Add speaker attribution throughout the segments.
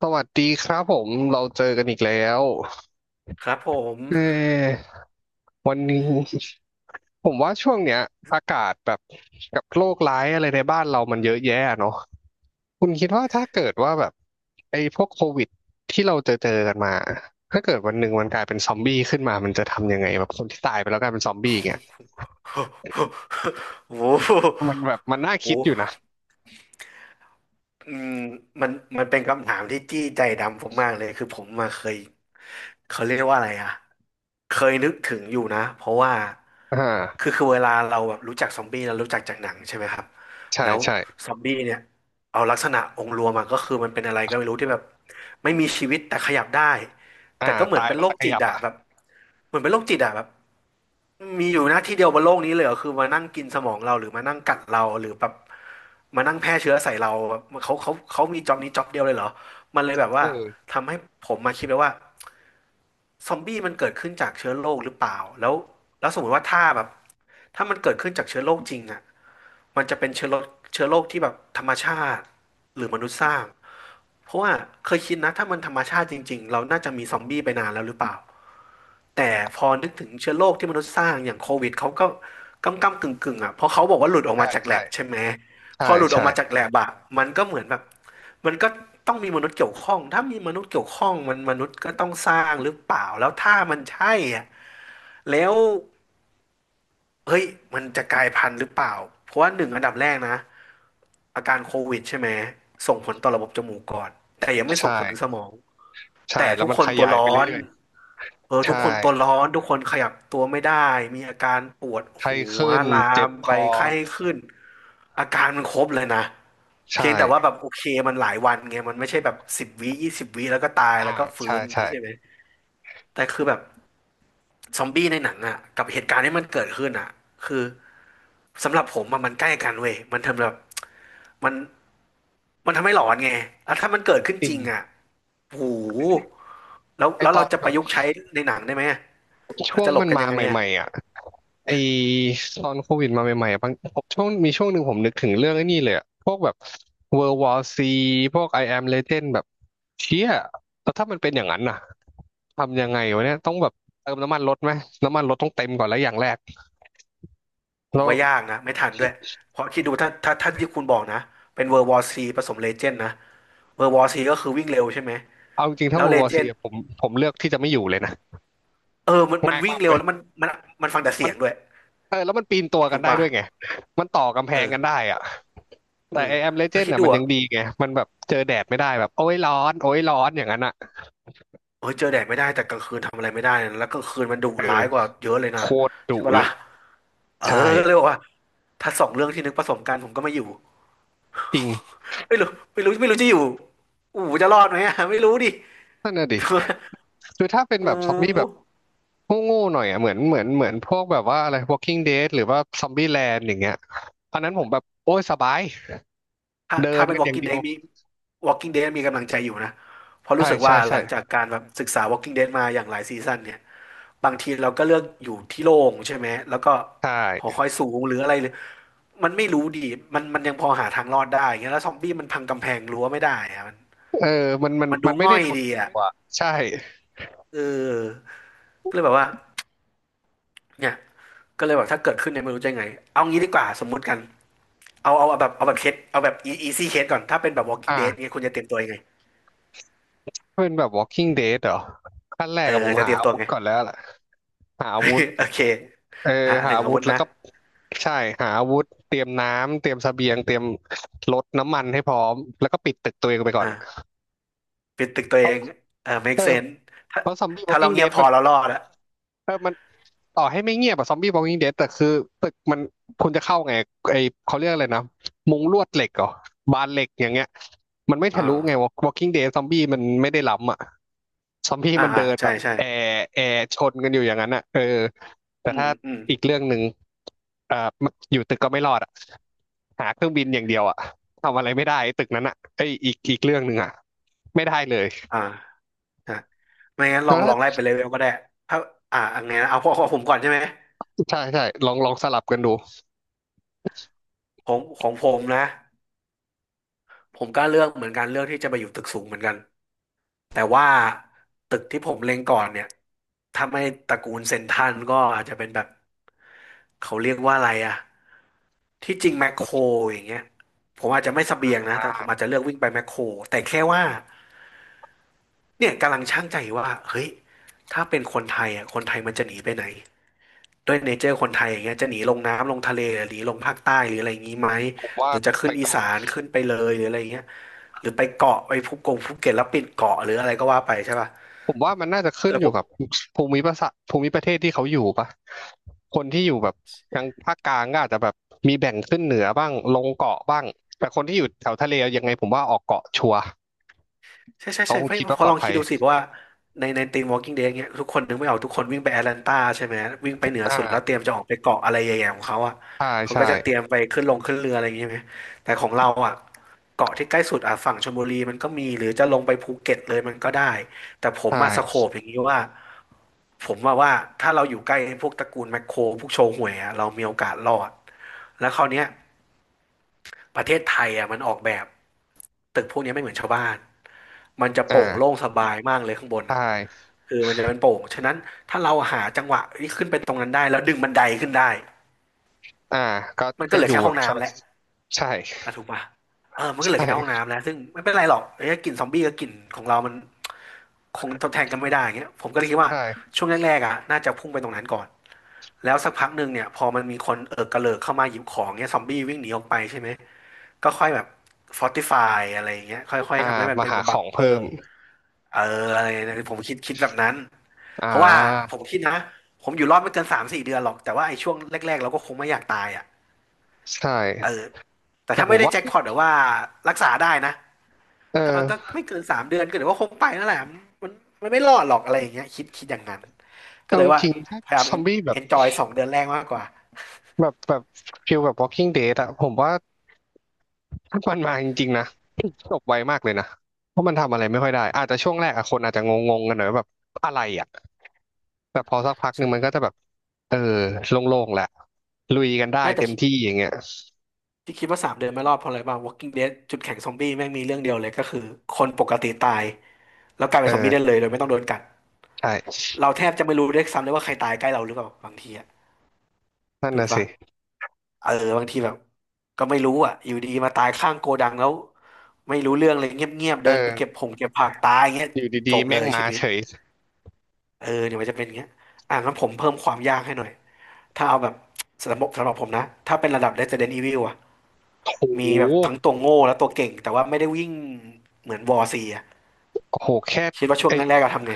Speaker 1: สวัสดีครับผมเราเจอกันอีกแล้ว
Speaker 2: ครับผม
Speaker 1: เออวันนี้ผมว่าช่วงเนี้ยอากาศแบบกับโรคร้ายอะไรในบ้านเรามันเยอะแยะเนาะคุณคิดว่าถ้าเกิดว่าแบบไอ้พวกโควิดที่เราเจอกันมาถ้าเกิดวันหนึ่งมันกลายเป็นซอมบี้ขึ้นมามันจะทำยังไงแบบคนที่ตายไปแล้วกลายเป็นซอมบี้เงี้ย
Speaker 2: โอ้โห
Speaker 1: มันแบบมันน่าคิด
Speaker 2: โอ้
Speaker 1: อยู่
Speaker 2: โห
Speaker 1: นะ
Speaker 2: อืมมันมันเป็นคำถามที่จี้ใจดำผมมากเลย คือผมมาเคยเขาเรียกว่าอะไรอ่ะเคยนึกถึงอยู่นะ เพราะว่า
Speaker 1: อ่
Speaker 2: คือ
Speaker 1: า
Speaker 2: คือเวลาเราแบบรู้จักซอมบี้เรารู้จักจากหนังใช่ไหมครับ
Speaker 1: ใช่
Speaker 2: แล้ว
Speaker 1: ใช่
Speaker 2: ซอมบี้เนี่ยเอาลักษณะองค์รวมอะก็คือมันเป็นอะไรก็ไม่รู้ที่แบบไม่มีชีวิตแต่ขยับได้
Speaker 1: อ่า
Speaker 2: แต่ก็เหมือ
Speaker 1: ตา
Speaker 2: น
Speaker 1: ย
Speaker 2: เป็น
Speaker 1: แล้ว
Speaker 2: โร
Speaker 1: จะ
Speaker 2: ค
Speaker 1: ข
Speaker 2: จิต
Speaker 1: ยับ
Speaker 2: อะ
Speaker 1: อ่ะ
Speaker 2: แบบเหมือนเป็นโรคจิตอะแบบมีอยู่หน้าที่เดียวบนโลกนี้เลยเหรอคือมานั่งกินสมองเราหรือมานั่งกัดเราหรือแบบมานั่งแพร่เชื้อใส่เราแบบเขามีจ็อบนี้จ็อบเดียวเลยเหรอมันเลยแบบว่า
Speaker 1: เออ
Speaker 2: ทำให้ผมมาคิดเลยว่า ซอมบี้มันเกิดขึ้นจากเชื้อโรคหรือเปล่าแล้วสมมติว่าถ้าแบบถ้ามันเกิดขึ้นจากเชื้อโรคจริงอ่ะมันจะเป็นเชื้อโรคที่แบบธรรมชาติหรือมนุษย์สร้างเพราะว่าเคยคิดนะถ้ามันธรรมชาติจริงๆเราน่าจะมีซอมบี้ไปนานแล้วหรือเปล่าแต่พอนึกถึงเชื้อโรคที่มนุษย์สร้างอย่างโควิดเขาก็กึ่งกึ่งๆอ่ะเพราะเขาบอกว่าหลุดออกมา
Speaker 1: ใช่
Speaker 2: จากแล
Speaker 1: ใช่
Speaker 2: บใช่ไหมพ
Speaker 1: ใช่
Speaker 2: อหลุดออก
Speaker 1: ใช่
Speaker 2: มาจากแลบอะมันก็เหมือนแบบ มันก็ต้องมีมนุษย์เกี่ยวข้องถ้ามีมนุษย์เกี่ยวข้องมันมนุษย์ก็ต้องสร้างหรือเปล่าแล้วถ้ามันใช่อะแล้วเฮ้ยมันจะกลายพันธุ์หรือเปล่าเพราะว่าหนึ่งอันดับแรกนะอาการโควิดใช่ไหมส่งผลต่อระบบจมูกก่อนแต่ยังไม่ส่
Speaker 1: ใช่
Speaker 2: งผลถึงสมอง
Speaker 1: ใช่
Speaker 2: แต่
Speaker 1: แล้ว
Speaker 2: ทุก
Speaker 1: มัน
Speaker 2: ค
Speaker 1: ข
Speaker 2: นตัว
Speaker 1: ยายไป
Speaker 2: ร้อน
Speaker 1: เรื่อยๆ
Speaker 2: เออทุ
Speaker 1: ใช่
Speaker 2: กคนตัวร้อนทุกคนขยับตัวไม่ได้มีอาการปวด
Speaker 1: ไข้
Speaker 2: หัว
Speaker 1: ขึ้น
Speaker 2: ลา
Speaker 1: เจ็
Speaker 2: ม
Speaker 1: บค
Speaker 2: ไป
Speaker 1: อ
Speaker 2: ไข้ขึ้นอาการมันครบเลยนะ
Speaker 1: ใช
Speaker 2: เพียงแต่ว่า
Speaker 1: ่
Speaker 2: แบบโอเคมันหลายวันไงมันไม่ใช่แบบสิบวิยี่สิบวิแล้วก็ตาย
Speaker 1: อ่า
Speaker 2: แล้วก็ฟื้
Speaker 1: ใช่
Speaker 2: นอย่าง
Speaker 1: ใช่
Speaker 2: นี้ใช่ไหมแต่คือแบบซอมบี้ในหนังอ่ะกับเหตุการณ์ที่มันเกิดขึ้นอ่ะคือสำหรับผมอะมันใกล้กันเว้ยมันทำแบบมันมันทำให้หลอนไงแล้วถ้ามันเกิดขึ้น
Speaker 1: จริ
Speaker 2: จ
Speaker 1: ง
Speaker 2: ริงอ่ะโอ้โหแล้ว
Speaker 1: ไอ
Speaker 2: แล้ว
Speaker 1: ตอ
Speaker 2: เรา
Speaker 1: น
Speaker 2: จะ
Speaker 1: แบ
Speaker 2: ประ
Speaker 1: บ
Speaker 2: ยุกต์ใช้ในหนังได้ไหมเรา
Speaker 1: ช่วง
Speaker 2: จะหลบ
Speaker 1: มัน
Speaker 2: กัน
Speaker 1: มา
Speaker 2: ยังไงอะ
Speaker 1: ใหม่ๆอ่ะไอตอนโควิดมาใหม่ๆอะบางผมช่วงมีช่วงหนึ่งผมนึกถึงเรื่องไอ้นี่เลยอะพวกแบบ World War C พวก I Am Legend แบบเชี่ยแล้วถ้ามันเป็นอย่างนั้นน่ะทำยังไงวะเนี่ย ต้องแบบเติมน้ำมันรถไหม น้ำมันรถต้องเต็มก่อนแล้วอย่างแรก
Speaker 2: ผม
Speaker 1: แล้ว
Speaker 2: ว่ายากนะไม่ทันด้วยเพราะคิดดูถ้าที่คุณบอกนะเป็นเวอร์วอร์ซีผสมเลเจนด์นะเวอร์วอร์ซีก็คือวิ่งเร็วใช่ไหม
Speaker 1: เอาจริงๆ
Speaker 2: แล้
Speaker 1: ถ้า
Speaker 2: วเล
Speaker 1: World War
Speaker 2: เจ
Speaker 1: C
Speaker 2: นด์
Speaker 1: อะผมเลือกที่จะไม่อยู่เลยนะ
Speaker 2: เออมัน
Speaker 1: ง่าย
Speaker 2: วิ่ง
Speaker 1: มาก
Speaker 2: เร็
Speaker 1: เล
Speaker 2: ว
Speaker 1: ย
Speaker 2: แล้วมันมันฟังแต่เสียงด้วย
Speaker 1: เออแล้วมันปีนตัวกั
Speaker 2: ถู
Speaker 1: น
Speaker 2: ก
Speaker 1: ได้
Speaker 2: ป่ะ
Speaker 1: ด้วยไงมันต่อกำแพ
Speaker 2: เออ
Speaker 1: งกันได้อะ
Speaker 2: เอ
Speaker 1: แต่
Speaker 2: อ
Speaker 1: ไอแอมเลเจ
Speaker 2: แล้ว
Speaker 1: นด์
Speaker 2: คิด
Speaker 1: น่ะ
Speaker 2: ดู
Speaker 1: มันยั
Speaker 2: อ่ะ
Speaker 1: งดีไงมันแบบเจอแดดไม่ได้แบบโอ้ยร้อนโอ้ยร้อนอย่างนั้นอ่ะ
Speaker 2: เออเจอแดดไม่ได้แต่กลางคืนทำอะไรไม่ได้นะแล้วกลางคืนมันดุ
Speaker 1: เออ
Speaker 2: ร้ายกว่าเยอะเลยนะ
Speaker 1: โคตร
Speaker 2: ใช่
Speaker 1: ดุ
Speaker 2: ปะ
Speaker 1: เล
Speaker 2: ล่ะ
Speaker 1: ย
Speaker 2: เออ
Speaker 1: ใช่
Speaker 2: ก็เลยบอกว่าถ้าสองเรื่องที่นึกผสมกันผมก็ไม่อยู่
Speaker 1: จริง
Speaker 2: ไม่รู้ไม่รู้ไม่รู้จะอยู่อู๋จะรอดไหมอะไม่รู้ดิ
Speaker 1: นั่นน่ะดิคือถ้าเป็นแบ
Speaker 2: อู
Speaker 1: บซอมบี้แบ
Speaker 2: ๋
Speaker 1: บโง่ๆหน่อยอ่ะเหมือนพวกแบบว่าอะไร Walking Dead หรือว่า Zombie Land อย่างเงี้ยอันนั้นผมแบบโอ้ยสบาย
Speaker 2: ถ้า
Speaker 1: เดิ
Speaker 2: ถ้า
Speaker 1: น
Speaker 2: เป็น
Speaker 1: กันอย่าง
Speaker 2: Walking
Speaker 1: เดีย
Speaker 2: Dead
Speaker 1: ว
Speaker 2: มี Walking Dead มีกำลังใจอยู่นะ เพราะรู้
Speaker 1: ใช่
Speaker 2: สึก
Speaker 1: ใช่
Speaker 2: ว่าห
Speaker 1: ใช่
Speaker 2: ลังจากการแบบศึกษา Walking Dead มาอย่างหลายซีซั่นเนี่ย บางทีเราก็เลือกอยู่ที่โล่งใช่ไหม แล้วก็
Speaker 1: ใช
Speaker 2: หอ
Speaker 1: ่
Speaker 2: คอยสูงหรืออะไรหรือมันไม่รู้ดีมันยังพอหาทางรอดได้เงี้ยแล้วซอมบี้มันพังกำแพงรั้วไม่ได้อะมัน
Speaker 1: เออมันมัน
Speaker 2: มัน
Speaker 1: มั
Speaker 2: ดู
Speaker 1: นไม่
Speaker 2: ง่
Speaker 1: ได้
Speaker 2: อย
Speaker 1: ดุ
Speaker 2: ดีอ่ะ
Speaker 1: กว่าใช่
Speaker 2: เออ ก็เลยแบบว่าเนี่ยก็เลยแบบถ้าเกิดขึ้นเนี่ยไม่รู้จะยังไง เอางี้ดีกว่าสมมุติกันเอาเอาแบบเอาแบบเคสเอาแบบ easy case ก่อนถ้าเป็นแบบ Walking
Speaker 1: อ่า
Speaker 2: Dead เนี้ยคุณจะเตรียมตัวยังไง
Speaker 1: เป็นแบบ Walking Dead เหรอขั้นแร
Speaker 2: เอ
Speaker 1: ก
Speaker 2: อ
Speaker 1: อะผม
Speaker 2: จะเต
Speaker 1: หา
Speaker 2: รียม
Speaker 1: อา
Speaker 2: ตัว
Speaker 1: วุธ
Speaker 2: ไง
Speaker 1: ก่อนแล้วแหละหาอาวุธ
Speaker 2: โอเค
Speaker 1: เออ
Speaker 2: อ่ะห
Speaker 1: หา
Speaker 2: นึ่ง
Speaker 1: อา
Speaker 2: อา
Speaker 1: วุ
Speaker 2: วุ
Speaker 1: ธ
Speaker 2: ธ
Speaker 1: แล้ว
Speaker 2: นะ
Speaker 1: ก็ใช่หาอาวุธเตรียมน้ำเตรียมเสบียงเตรียมรถน้ำมันให้พร้อมแล้วก็ปิดตึกตัวเองไปก่อนอะ
Speaker 2: อ่าปิดตึกตัวเองเออ
Speaker 1: เอ
Speaker 2: make
Speaker 1: อ
Speaker 2: sense ถ้า
Speaker 1: เพราะซอมบี้
Speaker 2: ถ้าเรา
Speaker 1: Walking
Speaker 2: เงียบ
Speaker 1: Dead
Speaker 2: พอ
Speaker 1: มัน
Speaker 2: เรา
Speaker 1: มั
Speaker 2: ร
Speaker 1: น
Speaker 2: อดอะ
Speaker 1: เออมันต่อให้ไม่เงียบอะซอมบี้ Walking Dead แต่คือตึกมันคุณจะเข้าไงไอเขาเรียกอะไรนะมุงลวดเหล็กเหรอบานเหล็กอย่างเงี้ยมันไม่
Speaker 2: อ
Speaker 1: ทะลุไง
Speaker 2: ่า
Speaker 1: Walking Dead ซอมบี้มันไม่ได้ล้ำอะ ซอมบี้
Speaker 2: อ่า
Speaker 1: มัน
Speaker 2: อ่า
Speaker 1: เดิน
Speaker 2: ใช่
Speaker 1: แบบ
Speaker 2: ใช่
Speaker 1: แอร์แอร์ชนกันอยู่อย่างนั้นอ่ะเออแต่
Speaker 2: อืม
Speaker 1: ถ้า
Speaker 2: อืม
Speaker 1: อีกเรื่องหนึ่งเอ่ออยู่ตึกก็ไม่รอดอ่ะหาเครื่องบินอย่างเดียวอ่ะทำอะไรไม่ได้ไอ้ตึกนั้นอ่ะไอ้ยอีกอีกเรื่องหนึ่งอ่ะไม่ได้เลย
Speaker 2: อ่าอ่ะไม่งั้นลอ
Speaker 1: แล้ว
Speaker 2: งลองไล่
Speaker 1: ถ้า
Speaker 2: ไปเลเวลก็ได้ถ้าอ่าอันไงนะเอาพวของผมก่อนใช่ไหม
Speaker 1: ใช่ใช่ลองลองสลับกันดู
Speaker 2: ของผมนะ ผมก็เลือกเหมือนกันเลือกที่จะไปอยู่ตึกสูงเหมือนกัน แต่ว่าตึกที่ผมเล็งก่อนเนี่ยถ้าไม่ตระกูลเซ็นทรัลก็อาจจะเป็นแบบเขาเรียกว่าอะไรอะที่จริงแมคโครอย่างเงี้ยผมอาจจะไม่เสบียงนะ
Speaker 1: อ่
Speaker 2: แต่ผม
Speaker 1: า
Speaker 2: อาจจะเลือกวิ่งไปแมคโครแต่แค่ว่าเนี่ยกำลังชั่งใจว่าเฮ้ยถ้าเป็นคนไทยอะคนไทยมันจะหนีไปไหน ด้วยเนเจอร์คนไทยอย่างเงี้ยจะหนีลงน้ำลงทะเลหรือหนีลงภาคใต้หรืออะไรอย่างงี้ไหม
Speaker 1: ผม
Speaker 2: ห
Speaker 1: ว่า
Speaker 2: รือจะ
Speaker 1: ไป
Speaker 2: ขึ้นอีสานขึ้นไปเลยหรืออะไรอย่างเงี้ยหรือไปเกาะไปภูกงภูเก็ตแล้วปิดเกาะหรืออะไรก็ว่าไปใช่ป่ะ
Speaker 1: ผมว่ามันน่าจะขึ้น
Speaker 2: แต่
Speaker 1: อ
Speaker 2: ผ
Speaker 1: ยู่
Speaker 2: ม
Speaker 1: กับภูมิประเทศภูมิประเทศที่เขาอยู่ปะคนที่อยู่แบบทางภาคกลางก็อาจจะแบบมีแบ่งขึ้นเหนือบ้างลงเกาะบ้างแต่คนที่อยู่แถวทะเลยังไงผมว่าออกเกาะชัวร์
Speaker 2: ใช่ใช่
Speaker 1: เขา
Speaker 2: ใช่
Speaker 1: คง
Speaker 2: ไม่
Speaker 1: คิดว่า
Speaker 2: พ
Speaker 1: ป
Speaker 2: อ
Speaker 1: ลอ
Speaker 2: ล
Speaker 1: ด
Speaker 2: อง
Speaker 1: ภั
Speaker 2: คิด
Speaker 1: ย
Speaker 2: ดูสิเพราะว่าในทีม Walking Dead เงี้ยทุกคนนึกไม่ออกทุกคนวิ่งไปแอตแลนตาใช่ไหมวิ่งไปเหนือสุดแล้วเตรี
Speaker 1: อ่า
Speaker 2: ยมจะออกไปเกาะอะไรใหญ่ๆของเขาอ่ะ
Speaker 1: ใช่
Speaker 2: เขาก็จะเตรี
Speaker 1: ใช่
Speaker 2: ยมไปขึ้นลงขึ้นเรืออะไรอย่างเงี้ยไหมแต่ของเราอ่ะเกาะที่ใกล้สุดอ่ะฝั่งชลบุรีมันก็มีหรือจะลงไปภูเก็ตเลยมันก็ได้แต่ผ
Speaker 1: ใช
Speaker 2: มมาสโค
Speaker 1: ่
Speaker 2: ปอย่างนี้ว่า ผมว่าถ้าเราอยู่ใกล้พวกตระกูลแมคโครพวกโชห่วยอะเรามีโอกาสรอดแล้วคราวเนี้ยประเทศไทยอะมันออกแบบตึกพวกเนี้ยไม่เหมือนชาวบ้านมันจะโปร่งโล่ง
Speaker 1: อ่า
Speaker 2: สบายมากเลยข้างบน
Speaker 1: ใช
Speaker 2: อะ
Speaker 1: ่
Speaker 2: คือมันจะเป็นโปร่งฉะนั้นถ้าเราหาจังหวะที่ขึ้นไปตรงนั้นได้แล้วดึงบันไดขึ้นได้
Speaker 1: อ่าก็
Speaker 2: มันก็
Speaker 1: ก็
Speaker 2: เหลื
Speaker 1: อ
Speaker 2: อ
Speaker 1: ยู่
Speaker 2: แค่ห้
Speaker 1: แบ
Speaker 2: อง
Speaker 1: บส
Speaker 2: น้ำ
Speaker 1: บา
Speaker 2: แห
Speaker 1: ย
Speaker 2: ละ
Speaker 1: ใช่
Speaker 2: อ่ะถูกป่ะเออมันก็
Speaker 1: ใช
Speaker 2: เหลือแค่ห้อง
Speaker 1: ่
Speaker 2: น้ำแล้วซึ่งไม่เป็นไรหรอกไอ้กลิ่นซอมบี้กับกลิ่นของเรามันคงทดแทนกันไม่ได้อย่างเงี้ยผมก็เลยคิดว่า
Speaker 1: ใช่
Speaker 2: ช่วงแรกๆอ่ะน่าจะพุ่งไปตรงนั้นก่อนแล้วสักพักหนึ่งเนี่ยพอมันมีคนเอิกกระเลิกเข้ามาหยิบของเนี่ยซอมบี้วิ่งหนีออกไปใช่ไหมก็ค่อยแบบฟอร์ติฟายอะไรอย่างเงี้ยค่อย
Speaker 1: อ่า
Speaker 2: ๆทำให้มัน
Speaker 1: มา
Speaker 2: เป็น
Speaker 1: หาข
Speaker 2: บั
Speaker 1: อ
Speaker 2: ง
Speaker 1: ง
Speaker 2: เก
Speaker 1: เพิ่
Speaker 2: อร์
Speaker 1: ม
Speaker 2: เอออะไรเนี่ยผมคิดแบบนั้น
Speaker 1: อ่
Speaker 2: เพราะว่าผ
Speaker 1: า
Speaker 2: มคิดนะผมอยู่รอดไม่เกินสามสี่เดือนหรอกแต่ว่าไอ้ช่วงแรกๆเราก็คงไม่อยากตายอ่ะ
Speaker 1: ใช่
Speaker 2: เออแต่
Speaker 1: แต่
Speaker 2: ถ้า
Speaker 1: ผ
Speaker 2: ไม่
Speaker 1: ม
Speaker 2: ได้
Speaker 1: ว่า
Speaker 2: แจ็คพอตหรือว่ารักษาได้นะ
Speaker 1: เอ
Speaker 2: ก็
Speaker 1: อ
Speaker 2: ไม่เกินสามเดือนก็เดี๋ยวว่าคงไปนั่นแหละมันมันไม่รอดหรอกอะไรอย่างเงี้ยคิดอย่างนั้นก็
Speaker 1: เอา
Speaker 2: เลย
Speaker 1: จ
Speaker 2: ว่า
Speaker 1: ริงๆถ้า
Speaker 2: พยายาม
Speaker 1: ซอมบี้แบ
Speaker 2: เอ
Speaker 1: บ
Speaker 2: นจอยสองเดือนแรกมากกว่า
Speaker 1: แบบแบบฟิลแบบ Walking Dead อะผมว่า ถ้ามันมาจริงๆนะจบไวมากเลยนะเพราะมันทำอะไรไม่ค่อยได้อาจจะช่วงแรกอะคนอาจจะงงๆกันหน่อยว่าแบบอะไรอะแต่พอสักพักห
Speaker 2: ส
Speaker 1: นึ่งมั
Speaker 2: นุ
Speaker 1: น
Speaker 2: ก
Speaker 1: ก็จะแบบเออโล่งๆแหละลุยกันได้
Speaker 2: ไม่แต่
Speaker 1: เต็ม
Speaker 2: คิด
Speaker 1: ที่อย่างเงี้ย
Speaker 2: ที่คิดว่าสามเดือนไม่รอดเพราะอะไรบ้าง Walking Dead จุดแข็งซอมบี้แม่งมีเรื่องเดียวเลยก็คือคนปกติตายแล้วกลายเป็นซอมบี้ได้
Speaker 1: เออ
Speaker 2: เลยโดยไม่ต้องโดนกัด
Speaker 1: ใช่
Speaker 2: เราแทบจะไม่รู้ด้วยซ้ำเลยว่าใครตายใกล้เราหรือเปล่าบางทีอะ
Speaker 1: นั่น
Speaker 2: ถูก
Speaker 1: น่ะ
Speaker 2: ปะ
Speaker 1: สิ
Speaker 2: เออบางทีแบบก็ไม่รู้อ่ะอยู่ดีมาตายข้างโกดังแล้วไม่รู้เรื่องเลยเงียบๆ
Speaker 1: เอ
Speaker 2: เดินไปเก็บ
Speaker 1: อ
Speaker 2: ผงเก็บผักตายเงี้ย
Speaker 1: อยู่
Speaker 2: จ
Speaker 1: ดี
Speaker 2: บ
Speaker 1: ๆ
Speaker 2: เล
Speaker 1: แม่ง
Speaker 2: ย
Speaker 1: มา
Speaker 2: ชีวิต
Speaker 1: เฉย
Speaker 2: เออเดี๋ยวมันจะเป็นอย่างเงี้ยอ่ะงั้นผมเพิ่มความยากให้หน่อยถ้าเอาแบบสำหรับผมนะถ้าเป็นระดับ Resident Evil อ่ะ
Speaker 1: โอโห
Speaker 2: มีแบบทั้งตัวโง่และตัวเก่งแต่ว่าไม่ได้วิ่งเหมือนวอร์ซีอ่ะ
Speaker 1: โอ้โหแค่
Speaker 2: คิดว่าช่วง
Speaker 1: ไอ้
Speaker 2: แรกๆเราทำไง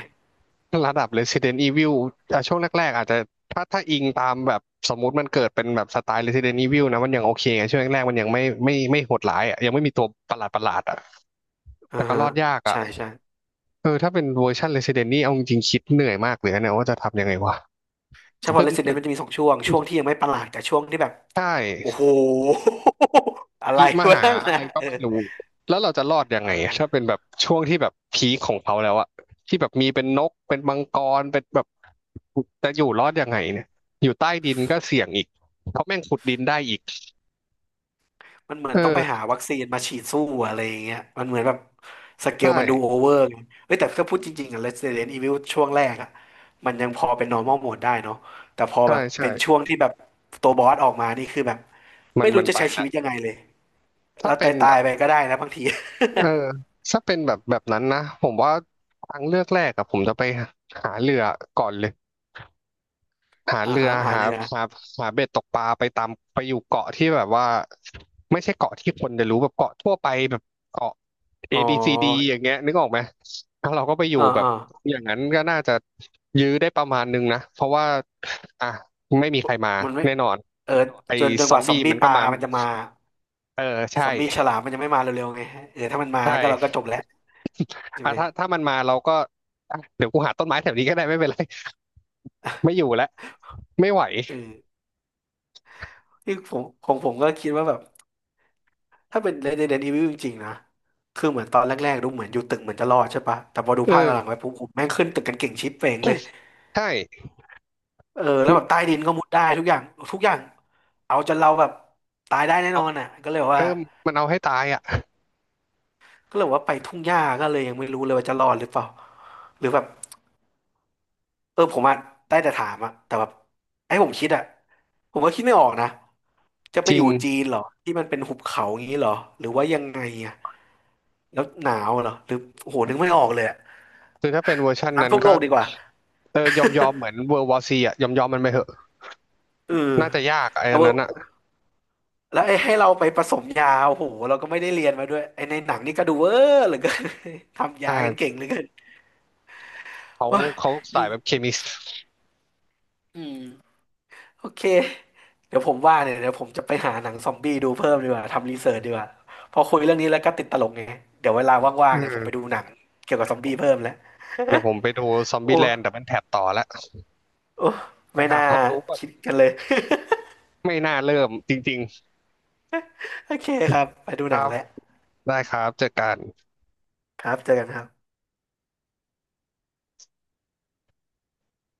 Speaker 1: ระดับ Resident Evil อ่ะช่วงแรกๆอาจจะถ้าถ้าอิงตามแบบสมมติมันเกิดเป็นแบบสไตล์ Resident Evil นะมันยังโอเคไงช่วงแรกๆมันยังไม่ไม่ไม่โหดร้ายอ่ะยังไม่มีตัวประหลาดประหลาดอ่ะ
Speaker 2: อ่า
Speaker 1: แต่ก็
Speaker 2: ฮะ
Speaker 1: รอดยากอ่ะ
Speaker 2: ใช่ใช่
Speaker 1: เออถ้าเป็นเวอร์ชัน Resident นี่เอาจริงๆคิดเหนื่อยมากเลยนะเนี่ยว่าจะทำยังไงวะ
Speaker 2: ใช่ พอ
Speaker 1: ขึ้นตึ
Speaker 2: Resident
Speaker 1: ก
Speaker 2: มันจะมีสองช่วงช่วงที่ยังไม่ประหลาดกับช่วงที่แบบ
Speaker 1: ใช่
Speaker 2: โอ้โห อะไร
Speaker 1: ธิม
Speaker 2: วะ
Speaker 1: หา
Speaker 2: นั่น
Speaker 1: อะ
Speaker 2: นะ
Speaker 1: ไรก็
Speaker 2: เออ
Speaker 1: ไม่รู้แล้วเราจะรอดยัง
Speaker 2: เออ
Speaker 1: ไงอะถ้าเป็นแบบช่วงที่แบบพีคของเขาแล้วอะที่แบบมีเป็นนกเป็นมังกรเป็นแบบจะอยู่รอดยังไงเนี่ยอยู่ใต้ดินก็เสี่ยงอีกเพราะแม่งขุดดินได้อีก
Speaker 2: มันเหมือนต้องไปหา
Speaker 1: เออ
Speaker 2: วัคซีนมาฉีดสู้อะไรอย่างเงี้ยมันเหมือนแบบสเก
Speaker 1: ใช่
Speaker 2: ลมันดูโอเวอร์ไงเฮ้ยแต่ถ้าพูดจริงๆอะ Resident Evil ช่วงแรกอะมันยังพอเป็น normal mode ได้เนาะแต่พอ
Speaker 1: ใช่
Speaker 2: แบบ
Speaker 1: ใช่
Speaker 2: เป็นช่วงที่แบบตัวบอสออกมา นี่คือแบบ
Speaker 1: มัน
Speaker 2: ไม่รู้
Speaker 1: มัน
Speaker 2: จะ
Speaker 1: ไป
Speaker 2: ใช้ชี
Speaker 1: แล้ว
Speaker 2: วิตยังไงเลย
Speaker 1: ถ้า
Speaker 2: แล้ว
Speaker 1: เป็
Speaker 2: ตา
Speaker 1: น
Speaker 2: ย
Speaker 1: แบ
Speaker 2: ตาย
Speaker 1: บ
Speaker 2: ไปก็ได้นะบางที
Speaker 1: เออถ้าเป็นแบบแบบนั้นนะผมว่าทางเลือกแรกอะผมจะไปหาเรือก่อนเลย หา
Speaker 2: อ่า
Speaker 1: เรือ
Speaker 2: ฮะหา
Speaker 1: หา
Speaker 2: เรือ
Speaker 1: หาหาเบ็ดตกปลาไปตามไปอยู่เกาะที่แบบว่าไม่ใช่เกาะที่คนจะรู้แบบเกาะทั่วไปแบบเกาะเอ
Speaker 2: อ๋อ
Speaker 1: บีซีดีอย่างเงี้ยนึกออกไหมถ้าเราก็ไปอยู่
Speaker 2: อ่า
Speaker 1: แบบ
Speaker 2: อ่า
Speaker 1: อย่างนั้นก็น่าจะยื้อได้ประมาณนึงนะเพราะว่าอ่ะไม่มีใครมา
Speaker 2: มันไม่
Speaker 1: แน่นอน
Speaker 2: เออ
Speaker 1: ไอ้
Speaker 2: จน
Speaker 1: ซ
Speaker 2: ก
Speaker 1: อม
Speaker 2: ว่าซอ
Speaker 1: บี้
Speaker 2: มบี้
Speaker 1: มัน
Speaker 2: ป
Speaker 1: ก็
Speaker 2: ลา
Speaker 1: มา
Speaker 2: มันจะมา
Speaker 1: เออ
Speaker 2: ซอ
Speaker 1: ใช่
Speaker 2: มบี้ฉลามมันยังไม่มาเร็วๆไงเออถ้ามันมา
Speaker 1: ใช
Speaker 2: ก็เราก็จ
Speaker 1: ่
Speaker 2: บแล้วใช่
Speaker 1: อ่ะ
Speaker 2: ไหม
Speaker 1: ถ้าถ้ามันมาเราก็อ่ะเดี๋ยวกูหาต้นไม้แถวนี้ก็ได้ไม่เป็นไรไม่อยู่แล้วไม่ไหว
Speaker 2: เออ ที่ผมของผมก็คิดว่าแบบถ้าเป็น Resident Evil จริงๆนะคือเหมือนตอนแรกๆดูเหมือนอยู่ตึกเหมือนจะรอดใช่ปะแต่พอดู
Speaker 1: เอ
Speaker 2: ภาคห
Speaker 1: อ
Speaker 2: ลังๆไปปุ๊บผมแม่งขึ้นตึกกันเก่งชิปเป่งเลย
Speaker 1: ใช่
Speaker 2: เออแล้
Speaker 1: มั
Speaker 2: ว
Speaker 1: น
Speaker 2: แบบใต้ดินก็มุดได้ทุกอย่างทุกอย่างเอาจนเราแบบตายได้แน่
Speaker 1: เอา
Speaker 2: นอนอ่ะ
Speaker 1: เออมันเอาให้ตายอ่ะ
Speaker 2: ก็เลยบอกว่าไปทุ่งหญ้าก็เลยยังไม่รู้เลยว่าจะรอดหรือเปล่าหรือแบบเออผมอ่ะได้แต่ถามอ่ะแต่แบบไอ้ผมคิดอ่ะผมก็คิดไม่ออกนะจะไป
Speaker 1: จ
Speaker 2: อ
Speaker 1: ริง
Speaker 2: ยู่จีนเหรอที่มันเป็นหุบเขาอย่างนี้เหรอหรือว่ายังไงอ่ะ แล้วหนาวเหรอหรือโอ้โหนึกไม่ออกเลยอะ
Speaker 1: คือถ้าเป็นเวอร์ชันนั้
Speaker 2: น้ำ
Speaker 1: น
Speaker 2: ท่วมโล
Speaker 1: ก็
Speaker 2: กดีกว่า
Speaker 1: เออยอมยอมเหมือนเวอร์วอซีอะยอมยอมมันไปเถอะ
Speaker 2: เออ
Speaker 1: น่าจะยาก
Speaker 2: เอา
Speaker 1: ไอ้ัน
Speaker 2: เว
Speaker 1: นั้
Speaker 2: อะ
Speaker 1: นอะ
Speaker 2: แล้วไอ้ให้เราไปผสมยาโอ้โหเราก็ไม่ได้เรียนมาด้วยไอ้ในหนังนี่ก็ดูเวอร์เหลือเกิน ทำ
Speaker 1: อ่
Speaker 2: ยากันเก่
Speaker 1: า
Speaker 2: งเหลือเกิน
Speaker 1: เขา
Speaker 2: โอ้ย
Speaker 1: เขา
Speaker 2: ยิ
Speaker 1: สาย
Speaker 2: ง
Speaker 1: แบบเคมี
Speaker 2: อืมโอเค เดี๋ยวผมว่าเนี่ยเดี๋ยวผมจะไปหาหนังซอมบี้ดูเพิ่มดีกว่าทำรีเสิร์ชดีกว่าพอคุยเรื่องนี้แล้วก็ติดตลกไงเดี๋ยวเวลาว่า
Speaker 1: อื
Speaker 2: งๆเนี่ยผมไป
Speaker 1: ม
Speaker 2: ดูหนังเกี่ยวกับซอมบี้เพิ่มแล้ว
Speaker 1: เดี๋ยวผมไปดูซอม
Speaker 2: โอ
Speaker 1: บี้แลนด์ดั
Speaker 2: ้
Speaker 1: บเบิลแท็บต่อละ
Speaker 2: โอ้
Speaker 1: ไป
Speaker 2: ไม่
Speaker 1: หา
Speaker 2: น่า
Speaker 1: ความรู้ก่อน
Speaker 2: คิดกันเลย
Speaker 1: ไม่น่าเริ่มจริง
Speaker 2: โอเคครับไปดู
Speaker 1: ๆค
Speaker 2: หนั
Speaker 1: รั
Speaker 2: ง
Speaker 1: บ
Speaker 2: แล้ว
Speaker 1: ได้ครับเจอกัน
Speaker 2: ครับเจอกันครับ